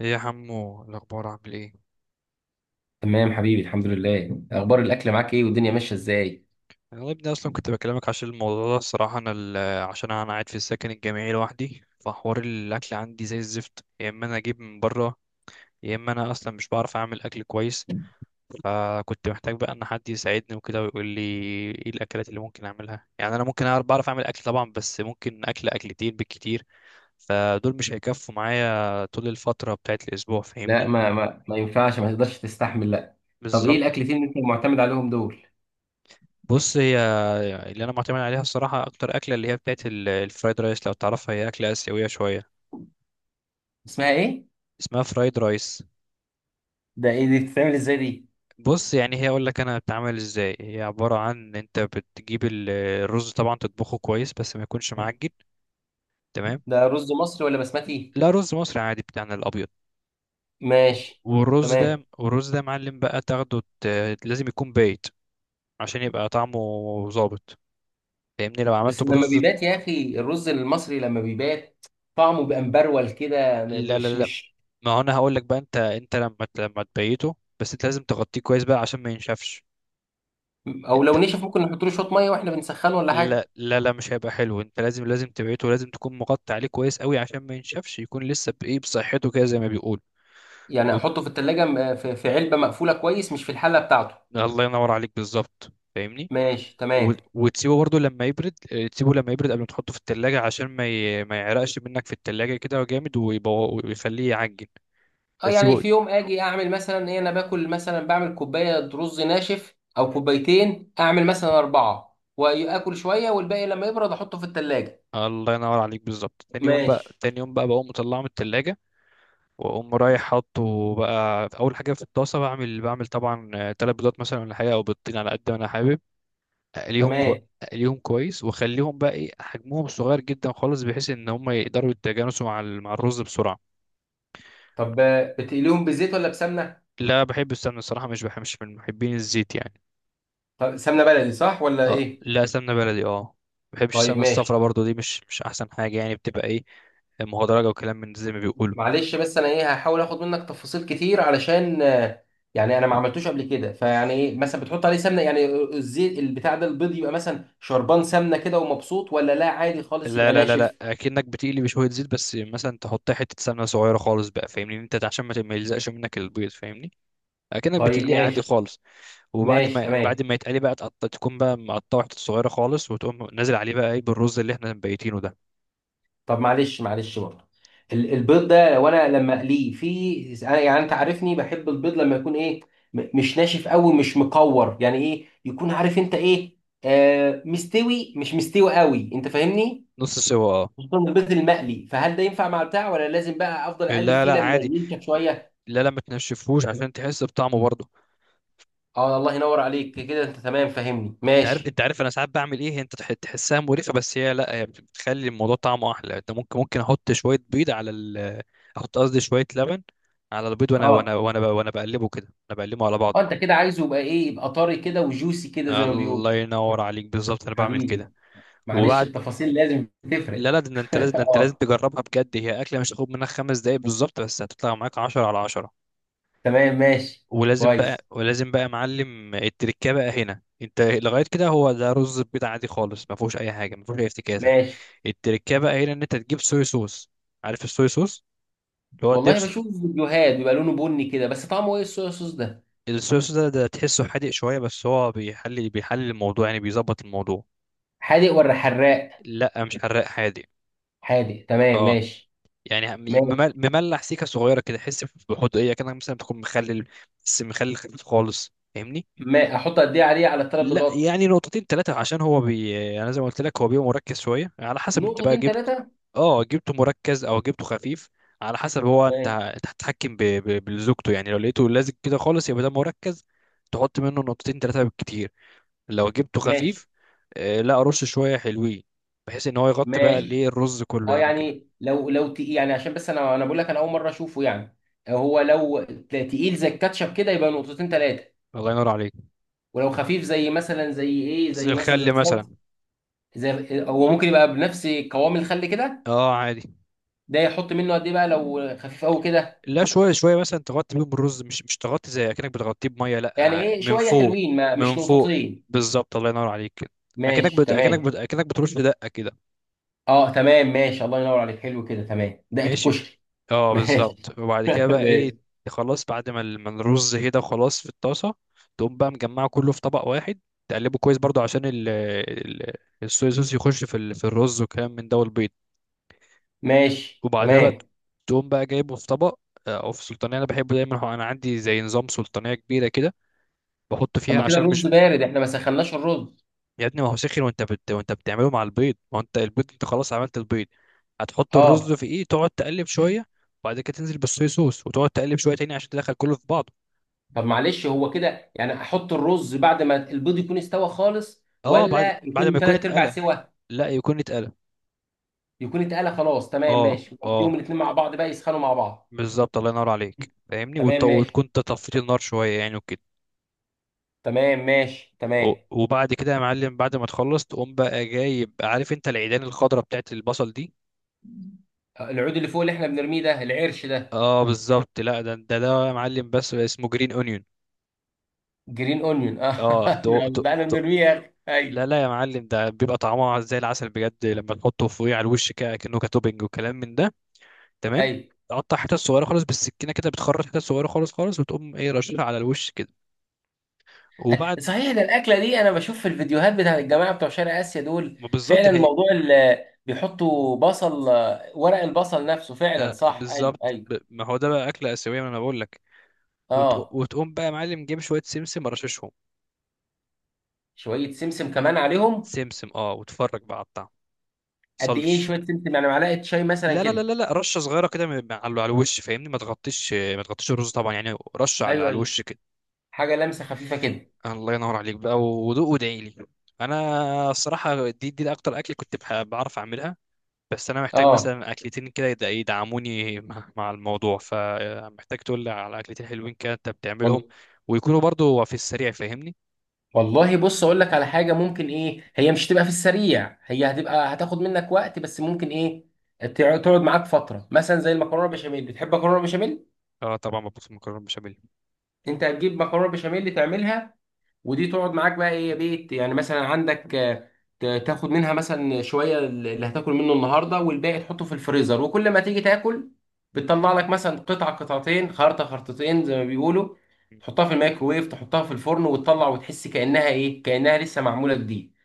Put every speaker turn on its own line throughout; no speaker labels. ايه يا حمو، الاخبار عامل ايه؟
تمام حبيبي، الحمد لله. اخبار الاكل معاك ايه والدنيا ماشيه ازاي؟
انا يا ابني اصلا كنت بكلمك عشان الموضوع ده. الصراحه انا عشان انا قاعد في السكن الجامعي لوحدي، فحوار الاكل عندي زي الزفت، يا اما انا اجيب من بره، يا اما انا اصلا مش بعرف اعمل اكل كويس. فكنت محتاج بقى ان حد يساعدني وكده ويقول لي ايه الاكلات اللي ممكن اعملها. يعني انا ممكن بعرف اعمل اكل طبعا، بس ممكن اكل اكلتين بالكتير، فدول مش هيكفوا معايا طول الفتره بتاعت الاسبوع،
لا،
فاهمني؟
ما ينفعش، ما تقدرش تستحمل، لا. طب ايه
بالظبط.
الاكلتين اللي انت معتمد عليهم دول؟
بص، هي اللي انا معتمد عليها الصراحه اكتر اكله اللي هي بتاعت الفرايد رايس، لو تعرفها هي اكله اسيويه شويه.
اسمها ايه؟
اسمها فرايد رايس.
ده ايه دي، بتتعمل ازاي دي؟
بص يعني هي، اقول لك انا بتعمل ازاي. هي عباره عن انت بتجيب الرز طبعا، تطبخه كويس بس ما يكونش معجن، تمام.
ده رز مصري ولا بسمتي؟
لا، رز مصري عادي بتاعنا الابيض.
ماشي
والرز ده
تمام.
والرز ده معلم بقى، تاخده، لازم يكون بايت، عشان يبقى طعمه ظابط، فاهمني لو
بس
عملته
لما
برز.
بيبات يا اخي، الرز المصري لما بيبات طعمه بيبقى مبرول كده م-
لا لا
مش
لا،
مش
ما هو انا هقول لك بقى. انت لما تبيته، بس انت لازم تغطيه كويس بقى عشان ما ينشفش.
او
انت؟
لو نشف ممكن نحط له شويه ميه واحنا بنسخنه ولا حاجه؟
لا لا لا، مش هيبقى حلو. انت لازم تبيته، ولازم تكون مغطي عليه كويس قوي عشان ما ينشفش، يكون لسه بايه بصحته كده زي ما بيقول.
يعني
وب...
احطه في التلاجة في علبة مقفولة كويس، مش في الحلة بتاعته.
الله ينور عليك، بالظبط، فاهمني.
ماشي تمام.
وتسيبه برضو لما يبرد. اه، تسيبه لما يبرد قبل ما تحطه في التلاجة، عشان ما يعرقش منك في التلاجة كده جامد، ويخليه يعجن،
اه، يعني
تسيبه.
في يوم اجي اعمل مثلا ايه، انا باكل مثلا بعمل كوباية رز ناشف او كوبايتين، اعمل مثلا اربعة واكل شوية والباقي لما يبرد احطه في التلاجة.
الله ينور عليك بالظبط. تاني يوم
ماشي
بقى تاني يوم بقى بقوم مطلعه من التلاجة، واقوم رايح حاطه بقى في اول حاجه في الطاسه. بعمل طبعا تلات بيضات مثلا ولا حاجه، او بيضتين على قد ما انا حابب. اقليهم كو...
تمام.
اقليهم كويس، واخليهم بقى ايه، حجمهم صغير جدا خالص بحيث ان هم يقدروا يتجانسوا مع مع الرز بسرعه.
طب بتقليهم بزيت ولا بسمنة؟
لا، بحب السمنه الصراحه، مش بحب، مش من محبين الزيت يعني.
طب سمنة بلدي صح ولا
اه،
ايه؟
لا، سمنه بلدي، اه. ما بحبش
طيب
السمنه الصفرا
ماشي.
برضو، دي مش احسن حاجه يعني، بتبقى ايه، مهدرجه وكلام من زي ما بيقولوا.
معلش، بس انا ايه هحاول اخد منك تفاصيل كتير علشان يعني انا ما عملتوش قبل كده، فيعني ايه مثلا بتحط عليه سمنه يعني، الزيت البتاع ده، البيض يبقى مثلا شربان سمنه كده ومبسوط ولا لا عادي خالص
لا
يبقى
لا لا لا،
ناشف؟
اكنك بتقلي بشويه زيت بس، مثلا تحط حته سمنه صغيره خالص بقى، فاهمني، إن انت عشان ما يلزقش منك البيض، فاهمني، اكنك
طيب
بتقليه عادي
ماشي.
خالص. وبعد
ماشي
ما، بعد
تمام.
ما يتقلي بقى، تكون بقى مقطعه حته صغيره خالص، وتقوم نازل عليه بقى ايه، بالرز اللي احنا مبيتينه ده.
طب معلش، معلش برضه، البيض ده وانا لما اقليه يعني انت عارفني بحب البيض لما يكون ايه، مش ناشف قوي، مش مقور يعني، ايه يكون عارف انت ايه، مستوي مش مستوي قوي، انت فاهمني.
نص سوا، اه.
خصوصا البيض المقلي، فهل ده ينفع مع بتاع ولا لازم بقى افضل اقلب
لا
فيه
لا،
لما
عادي.
ينشف شويه؟
لا لا، ما تنشفهوش عشان تحس بطعمه برضه.
اه الله ينور عليك، كده انت تمام فاهمني،
انت عارف
ماشي.
انت عارف انا ساعات بعمل ايه؟ انت تحسها مريخه، بس هي، لا، هي بتخلي الموضوع طعمه احلى. انت ممكن احط شويه بيض على ال احط قصدي شويه لبن على البيض، وانا
اه
وانا وانا ب- وانا بقلبه كده، انا بقلبه على بعض.
اه، انت كده عايزه يبقى ايه، يبقى طري كده وجوسي كده زي ما بيقولوا.
الله ينور عليك، بالظبط، انا بعمل
حبيبي.
كده.
معلش،
وبعد.
التفاصيل لازم تفرق
لا لا، ده انت لازم ده انت لازم
اه.
تجربها بجد. هي اكله مش هتاخد منك خمس دقايق بالظبط، بس هتطلع معاك 10 على 10.
تمام ماشي.
ولازم بقى
كويس.
ولازم بقى يا معلم، التركه بقى هنا. انت لغايه كده هو ده رز بيض عادي خالص، ما فيهوش اي حاجه، ما فيهوش اي افتكاسه.
ماشي.
التركية بقى هنا، ان انت تجيب صويا صوص. عارف الصويا صوص؟ اللي هو
والله
الدبس.
بشوف فيديوهات بيبقى لونه بني كده، بس طعمه ايه الصويا صوص ده؟
الصويا صوص ده تحسه حادق شوية، بس هو بيحل الموضوع، يعني بيظبط الموضوع.
حادق ولا حراق؟
لا، مش حراق، حادق.
حادق، تمام
اه،
ماشي.
يعني
ماشي.
مملح، سيكة صغيرة كده، تحس بحدقية كده، مثلا بتكون مخلل، بس مخلل خفيف خالص، فاهمني.
ما احط قد ايه عليه على الثلاث
لا
بيضات؟
يعني نقطتين ثلاثة، عشان هو انا زي ما قلت لك، هو بيبقى مركز شوية، على حسب انت بقى
نقطتين
جبت.
ثلاثه؟
اه، جبته مركز او جبته خفيف. على حسب هو، انت
ماشي.
انت هتتحكم بزوجته يعني. لو لقيته لازق كده خالص يبقى ده مركز، تحط منه نقطتين ثلاثة بالكتير. لو جبته
ماشي.
خفيف، آه لا، رش شوية حلوين، بحيث ان هو يغطي بقى الايه،
ماشي.
الرز كله
اه،
يعني وكده.
يعني لو تقيل، يعني عشان بس انا بقول لك انا اول مره اشوفه يعني. هو لو تقيل زي الكاتشب كده يبقى نقطتين ثلاثه،
الله ينور عليك.
ولو خفيف زي مثلا زي ايه،
زي
زي مثلا زي
الخل مثلا.
الصلصه، زي، هو ممكن يبقى بنفس قوام الخل كده،
اه، عادي.
ده يحط منه قد ايه بقى لو خفيف قوي كده؟
لا، شويه شويه مثلا، تغطي بيهم الرز، مش تغطي زي اكنك بتغطيه بميه،
يعني
لا،
ايه،
من
شويه
فوق.
حلوين؟ ما
من
مش
فوق،
نقطتين.
بالظبط، الله ينور عليك كده.
ماشي تمام.
اكنك بترش دقه كده.
اه تمام ماشي، الله ينور عليك، حلو كده تمام، دقه
ماشي.
الكشري.
اه،
ماشي
بالظبط. وبعد كده بقى ايه؟
ماشي.
خلاص، بعد ما ما الرز كده خلاص في الطاسه، تقوم بقى مجمعه كله في طبق واحد، تقلبه كويس برضو عشان الصويا صوص يخش في في الرز وكلام من ده، والبيض.
ماشي
وبعدها بقى
تمام.
تقوم بقى جايبه في طبق، او في سلطانيه. انا بحبه دايما، هو انا عندي زي نظام سلطانيه كبيره كده بحط
طب
فيها
ما كده
عشان مش.
الرز بارد، احنا ما سخناش الرز.
يا ابني، ما هو سخن، وانت بتعمله مع البيض، ما هو انت البيض انت خلاص عملت البيض، هتحط الرز
اه.
في ايه، تقعد تقلب شويه. وبعد كده تنزل بالصويا صوص، وتقعد تقلب شويه تاني عشان تدخل كله في بعضه.
طب معلش، هو كده يعني احط الرز بعد ما البيض يكون استوى خالص
اه، بعد
ولا
بعد ما
يكون
يكون
ثلاث ارباع
اتقلى،
سوا؟
لا، يكون اتقلى.
يكون اتقلى خلاص، تمام
اه
ماشي، واديهم
اه،
الاثنين مع بعض بقى يسخنوا مع بعض.
بالظبط، الله ينور عليك فاهمني.
تمام
وتكون
ماشي.
أنت طفيت النار شويه يعني وكده.
تمام ماشي تمام.
وبعد كده يا معلم، بعد ما تخلص تقوم بقى جايب، عارف انت العيدان الخضراء بتاعت البصل دي؟
العود اللي فوق اللي احنا بنرميه ده، العرش ده؟
اه، بالظبط، لا، ده يا معلم بس، اسمه جرين اونيون.
جرين اونيون اه.
اه، تو تو
بقى انا
تو.
بنرميه يا اخي.
لا
ايوه
لا يا معلم، ده بيبقى طعمها زي العسل بجد، لما تحطه فوقيه على الوش كده، كأنه كتوبنج وكلام من ده، تمام.
ايوه.
تقطع حتت صغيره خالص بالسكينه كده، بتخرط حتت صغيره خالص خالص، وتقوم ايه، رشها على الوش كده. وبعد
صحيح، ده الاكله دي انا بشوف في الفيديوهات بتاع الجماعه بتوع شرق اسيا دول،
ما، بالظبط،
فعلا
ما هي،
موضوع بيحطوا بصل، ورق البصل نفسه، فعلا صح، ايوه
بالظبط،
ايوه.
ما هو ده بقى اكله اسيويه، ما انا بقول لك.
اه.
وتقوم بقى يا معلم، جيب شويه سمسم رششهم.
شويه سمسم كمان عليهم.
سمسم، اه، وتفرج بقى على الطعم
قد ايه
صلش.
شويه سمسم، يعني معلقه شاي مثلا
لا لا لا
كده؟
لا لا، رشه صغيره كده، على على الوش، فاهمني؟ ما تغطيش الرز طبعا يعني، رشه على
ايوه
على
ايوه،
الوش.
حاجه، لمسه خفيفه كده.
الله ينور عليك بقى، ودوق وادعي لي. انا الصراحه دي اكتر اكل كنت بعرف اعملها. بس انا محتاج
اه.
مثلا اكلتين كده يدعموني مع الموضوع، فمحتاج تقول لي على اكلتين حلوين كده انت بتعملهم،
وال-
ويكونوا برضو في السريع، فاهمني.
والله، بص اقول لك على حاجه ممكن، ايه، هي مش تبقى في السريع، هي هتبقى، هتاخد منك وقت، بس ممكن ايه تقعد معاك فتره، مثلا زي المكرونه بشاميل. بتحب مكرونه بشاميل؟
اه طبعا، مبسوط مكرونه بشاميل.
انت هتجيب مكرونه بشاميل تعملها، ودي تقعد معاك بقى ايه يا بيت، يعني مثلا عندك، تاخد منها مثلا شويه اللي هتاكل منه النهارده، والباقي تحطه في الفريزر، وكل ما تيجي تاكل بتطلع لك مثلا قطعه قطعتين، خرطه خرطتين زي ما بيقولوا،
مم.
تحطها في الميكروويف، تحطها في الفرن وتطلع وتحس كانها ايه، كانها لسه معموله جديد.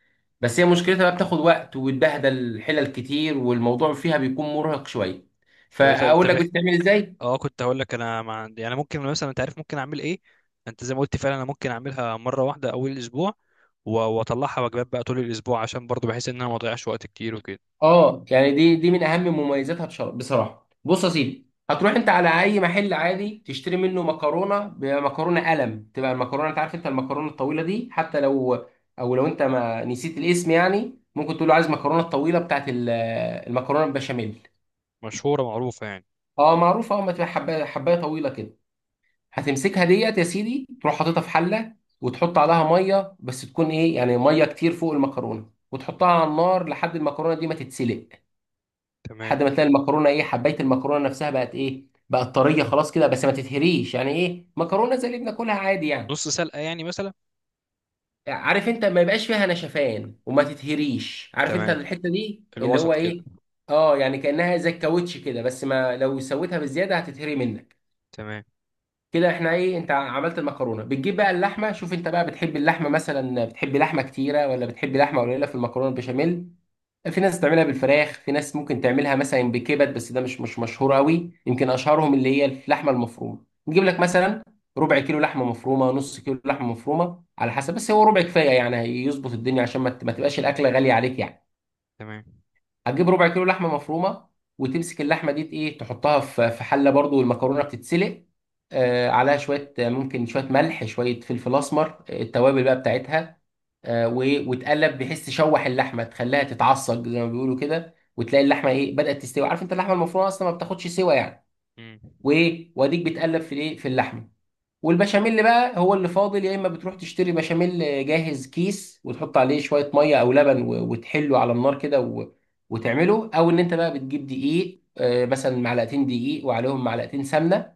بس هي مشكلتها بقى بتاخد وقت وتبهدل الحلل كتير، والموضوع فيها بيكون مرهق شويه.
طب طب
فاقول لك
طب
بتتعمل ازاي.
اه، كنت هقول لك انا، مع يعني، ممكن مثلا، انت عارف ممكن اعمل ايه. انت زي ما قلت فعلا، انا ممكن اعملها مره واحده اول الاسبوع، واطلعها وجبات بقى طول الاسبوع، عشان برضو بحيث ان انا ما اضيعش وقت كتير وكده.
اه، يعني دي من اهم مميزاتها، بصراحه. بص يا سيدي، هتروح انت على اي محل عادي تشتري منه مكرونه، بمكرونه قلم تبقى المكرونه، انت عارف انت المكرونه الطويله دي، حتى لو او لو انت ما نسيت الاسم يعني ممكن تقول له عايز مكرونه الطويله بتاعت المكرونه البشاميل.
مشهوره معروفه يعني.
اه معروفه، اه، ما تبقى حبايه حبايه طويله كده. هتمسكها ديت يا سيدي، تروح حاططها في حله وتحط عليها ميه، بس تكون ايه يعني، ميه كتير فوق المكرونه، وتحطها على النار لحد المكرونه دي ما تتسلق.
تمام.
لحد ما تلاقي المكرونه ايه، حبايه المكرونه نفسها بقت ايه، بقت طريه خلاص كده، بس ما تتهريش يعني، ايه، مكرونه زي اللي بناكلها عادي يعني.
نص سلقة يعني مثلا.
عارف انت ما يبقاش فيها نشفان، وما تتهريش، عارف انت
تمام،
الحته دي اللي هو
الوسط كده.
ايه. اه، يعني كانها زي الكاوتش كده، بس ما لو سويتها بزياده هتتهري منك.
تمام.
كده احنا ايه، انت عملت المكرونه، بتجيب بقى اللحمه. شوف انت بقى، بتحب اللحمه مثلا، بتحب لحمه كتيره ولا بتحب لحمه قليله في المكرونه البشاميل؟ في ناس بتعملها بالفراخ، في ناس ممكن تعملها مثلا بكبد، بس ده مش مشهور قوي، يمكن اشهرهم اللي هي اللحمه المفرومه. نجيب لك مثلا ربع كيلو لحمه مفرومه، نص كيلو لحمه مفرومه على حسب، بس هو ربع كفايه يعني، هيظبط الدنيا، عشان ما تبقاش الاكله غاليه عليك يعني.
تمام.
هتجيب ربع كيلو لحمه مفرومه، وتمسك اللحمه دي ايه، تحطها في حله برضو، والمكرونه بتتسلق، آه، عليها شويه، ممكن شويه ملح، شويه فلفل اسمر، التوابل بقى بتاعتها، وتقلب بحيث تشوح اللحمه، تخليها تتعصج زي ما بيقولوا كده، وتلاقي اللحمه ايه بدات تستوي، عارف انت اللحمه المفرومه اصلا ما بتاخدش سوا يعني.
مم.
وايه، واديك بتقلب في الايه في اللحمه. والبشاميل بقى هو اللي فاضل، يا اما بتروح تشتري بشاميل جاهز، كيس، وتحط عليه شويه ميه او لبن وتحله على النار كده وتعمله، او ان انت بقى بتجيب دقيق، مثلا معلقتين دقيق وعليهم معلقتين سمنه،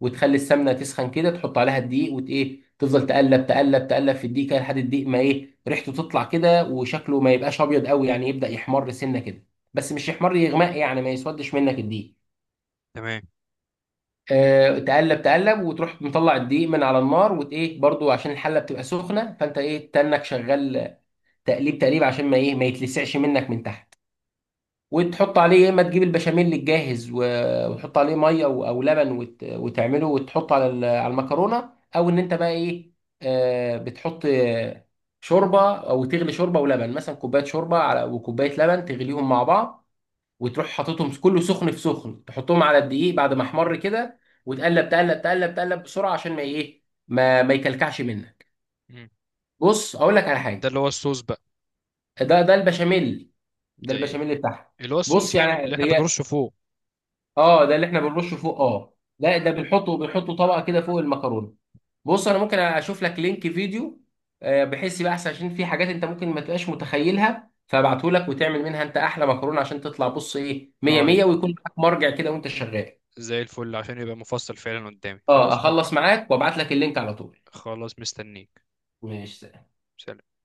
وتخلي السمنه تسخن كده، تحط عليها الدقيق وت ايه، تفضل تقلب تقلب تقلب في الدقيق كده، لحد الدقيق ما ايه ريحته تطلع كده وشكله ما يبقاش ابيض قوي يعني، يبدا يحمر سنه كده، بس مش يحمر، يغمق يعني، ما يسودش منك الدقيق.
تمام.
آه، تقلب تقلب، وتروح مطلع الدقيق من على النار وت ايه، برضو عشان الحله بتبقى سخنه فانت ايه، تنك شغال، تقليب تقليب عشان ما ايه، ما يتلسعش منك من تحت. وتحط عليه، يا اما تجيب البشاميل الجاهز وتحط عليه ميه او لبن وتعمله وتحطه على على المكرونه، او ان انت بقى ايه، بتحط شوربه او تغلي شوربه ولبن، مثلا كوبايه شوربه على وكوبايه لبن، تغليهم مع بعض، وتروح حاططهم كله سخن في سخن، تحطهم على الدقيق بعد ما احمر كده، وتقلب تقلب تقلب تقلب بسرعه عشان ما ايه، ما يكلكعش منك.
مم.
بص اقول لك على حاجه.
ده اللي هو الصوص بقى.
ده البشاميل، ده
ده ايه؟
البشاميل بتاعها.
اللي هو الصوص
بص
يعني، اللي
يعني
احنا
هي،
بنرشه فوق.
اه ده اللي احنا بنرشه فوق، اه لا ده بنحطه طبقه كده فوق المكرونه. بص انا ممكن اشوف لك لينك فيديو، بحيث يبقى احسن، عشان في حاجات انت ممكن ما تبقاش متخيلها، فابعته لك وتعمل منها انت احلى مكرونه عشان تطلع بص ايه 100
اه،
100، ويكون معاك مرجع كده وانت شغال.
زي الفل، عشان يبقى مفصل فعلا قدامي،
اه
خلاص.
اخلص معاك وابعت لك اللينك على طول.
خلاص، مستنيك.
ماشي.
سلام.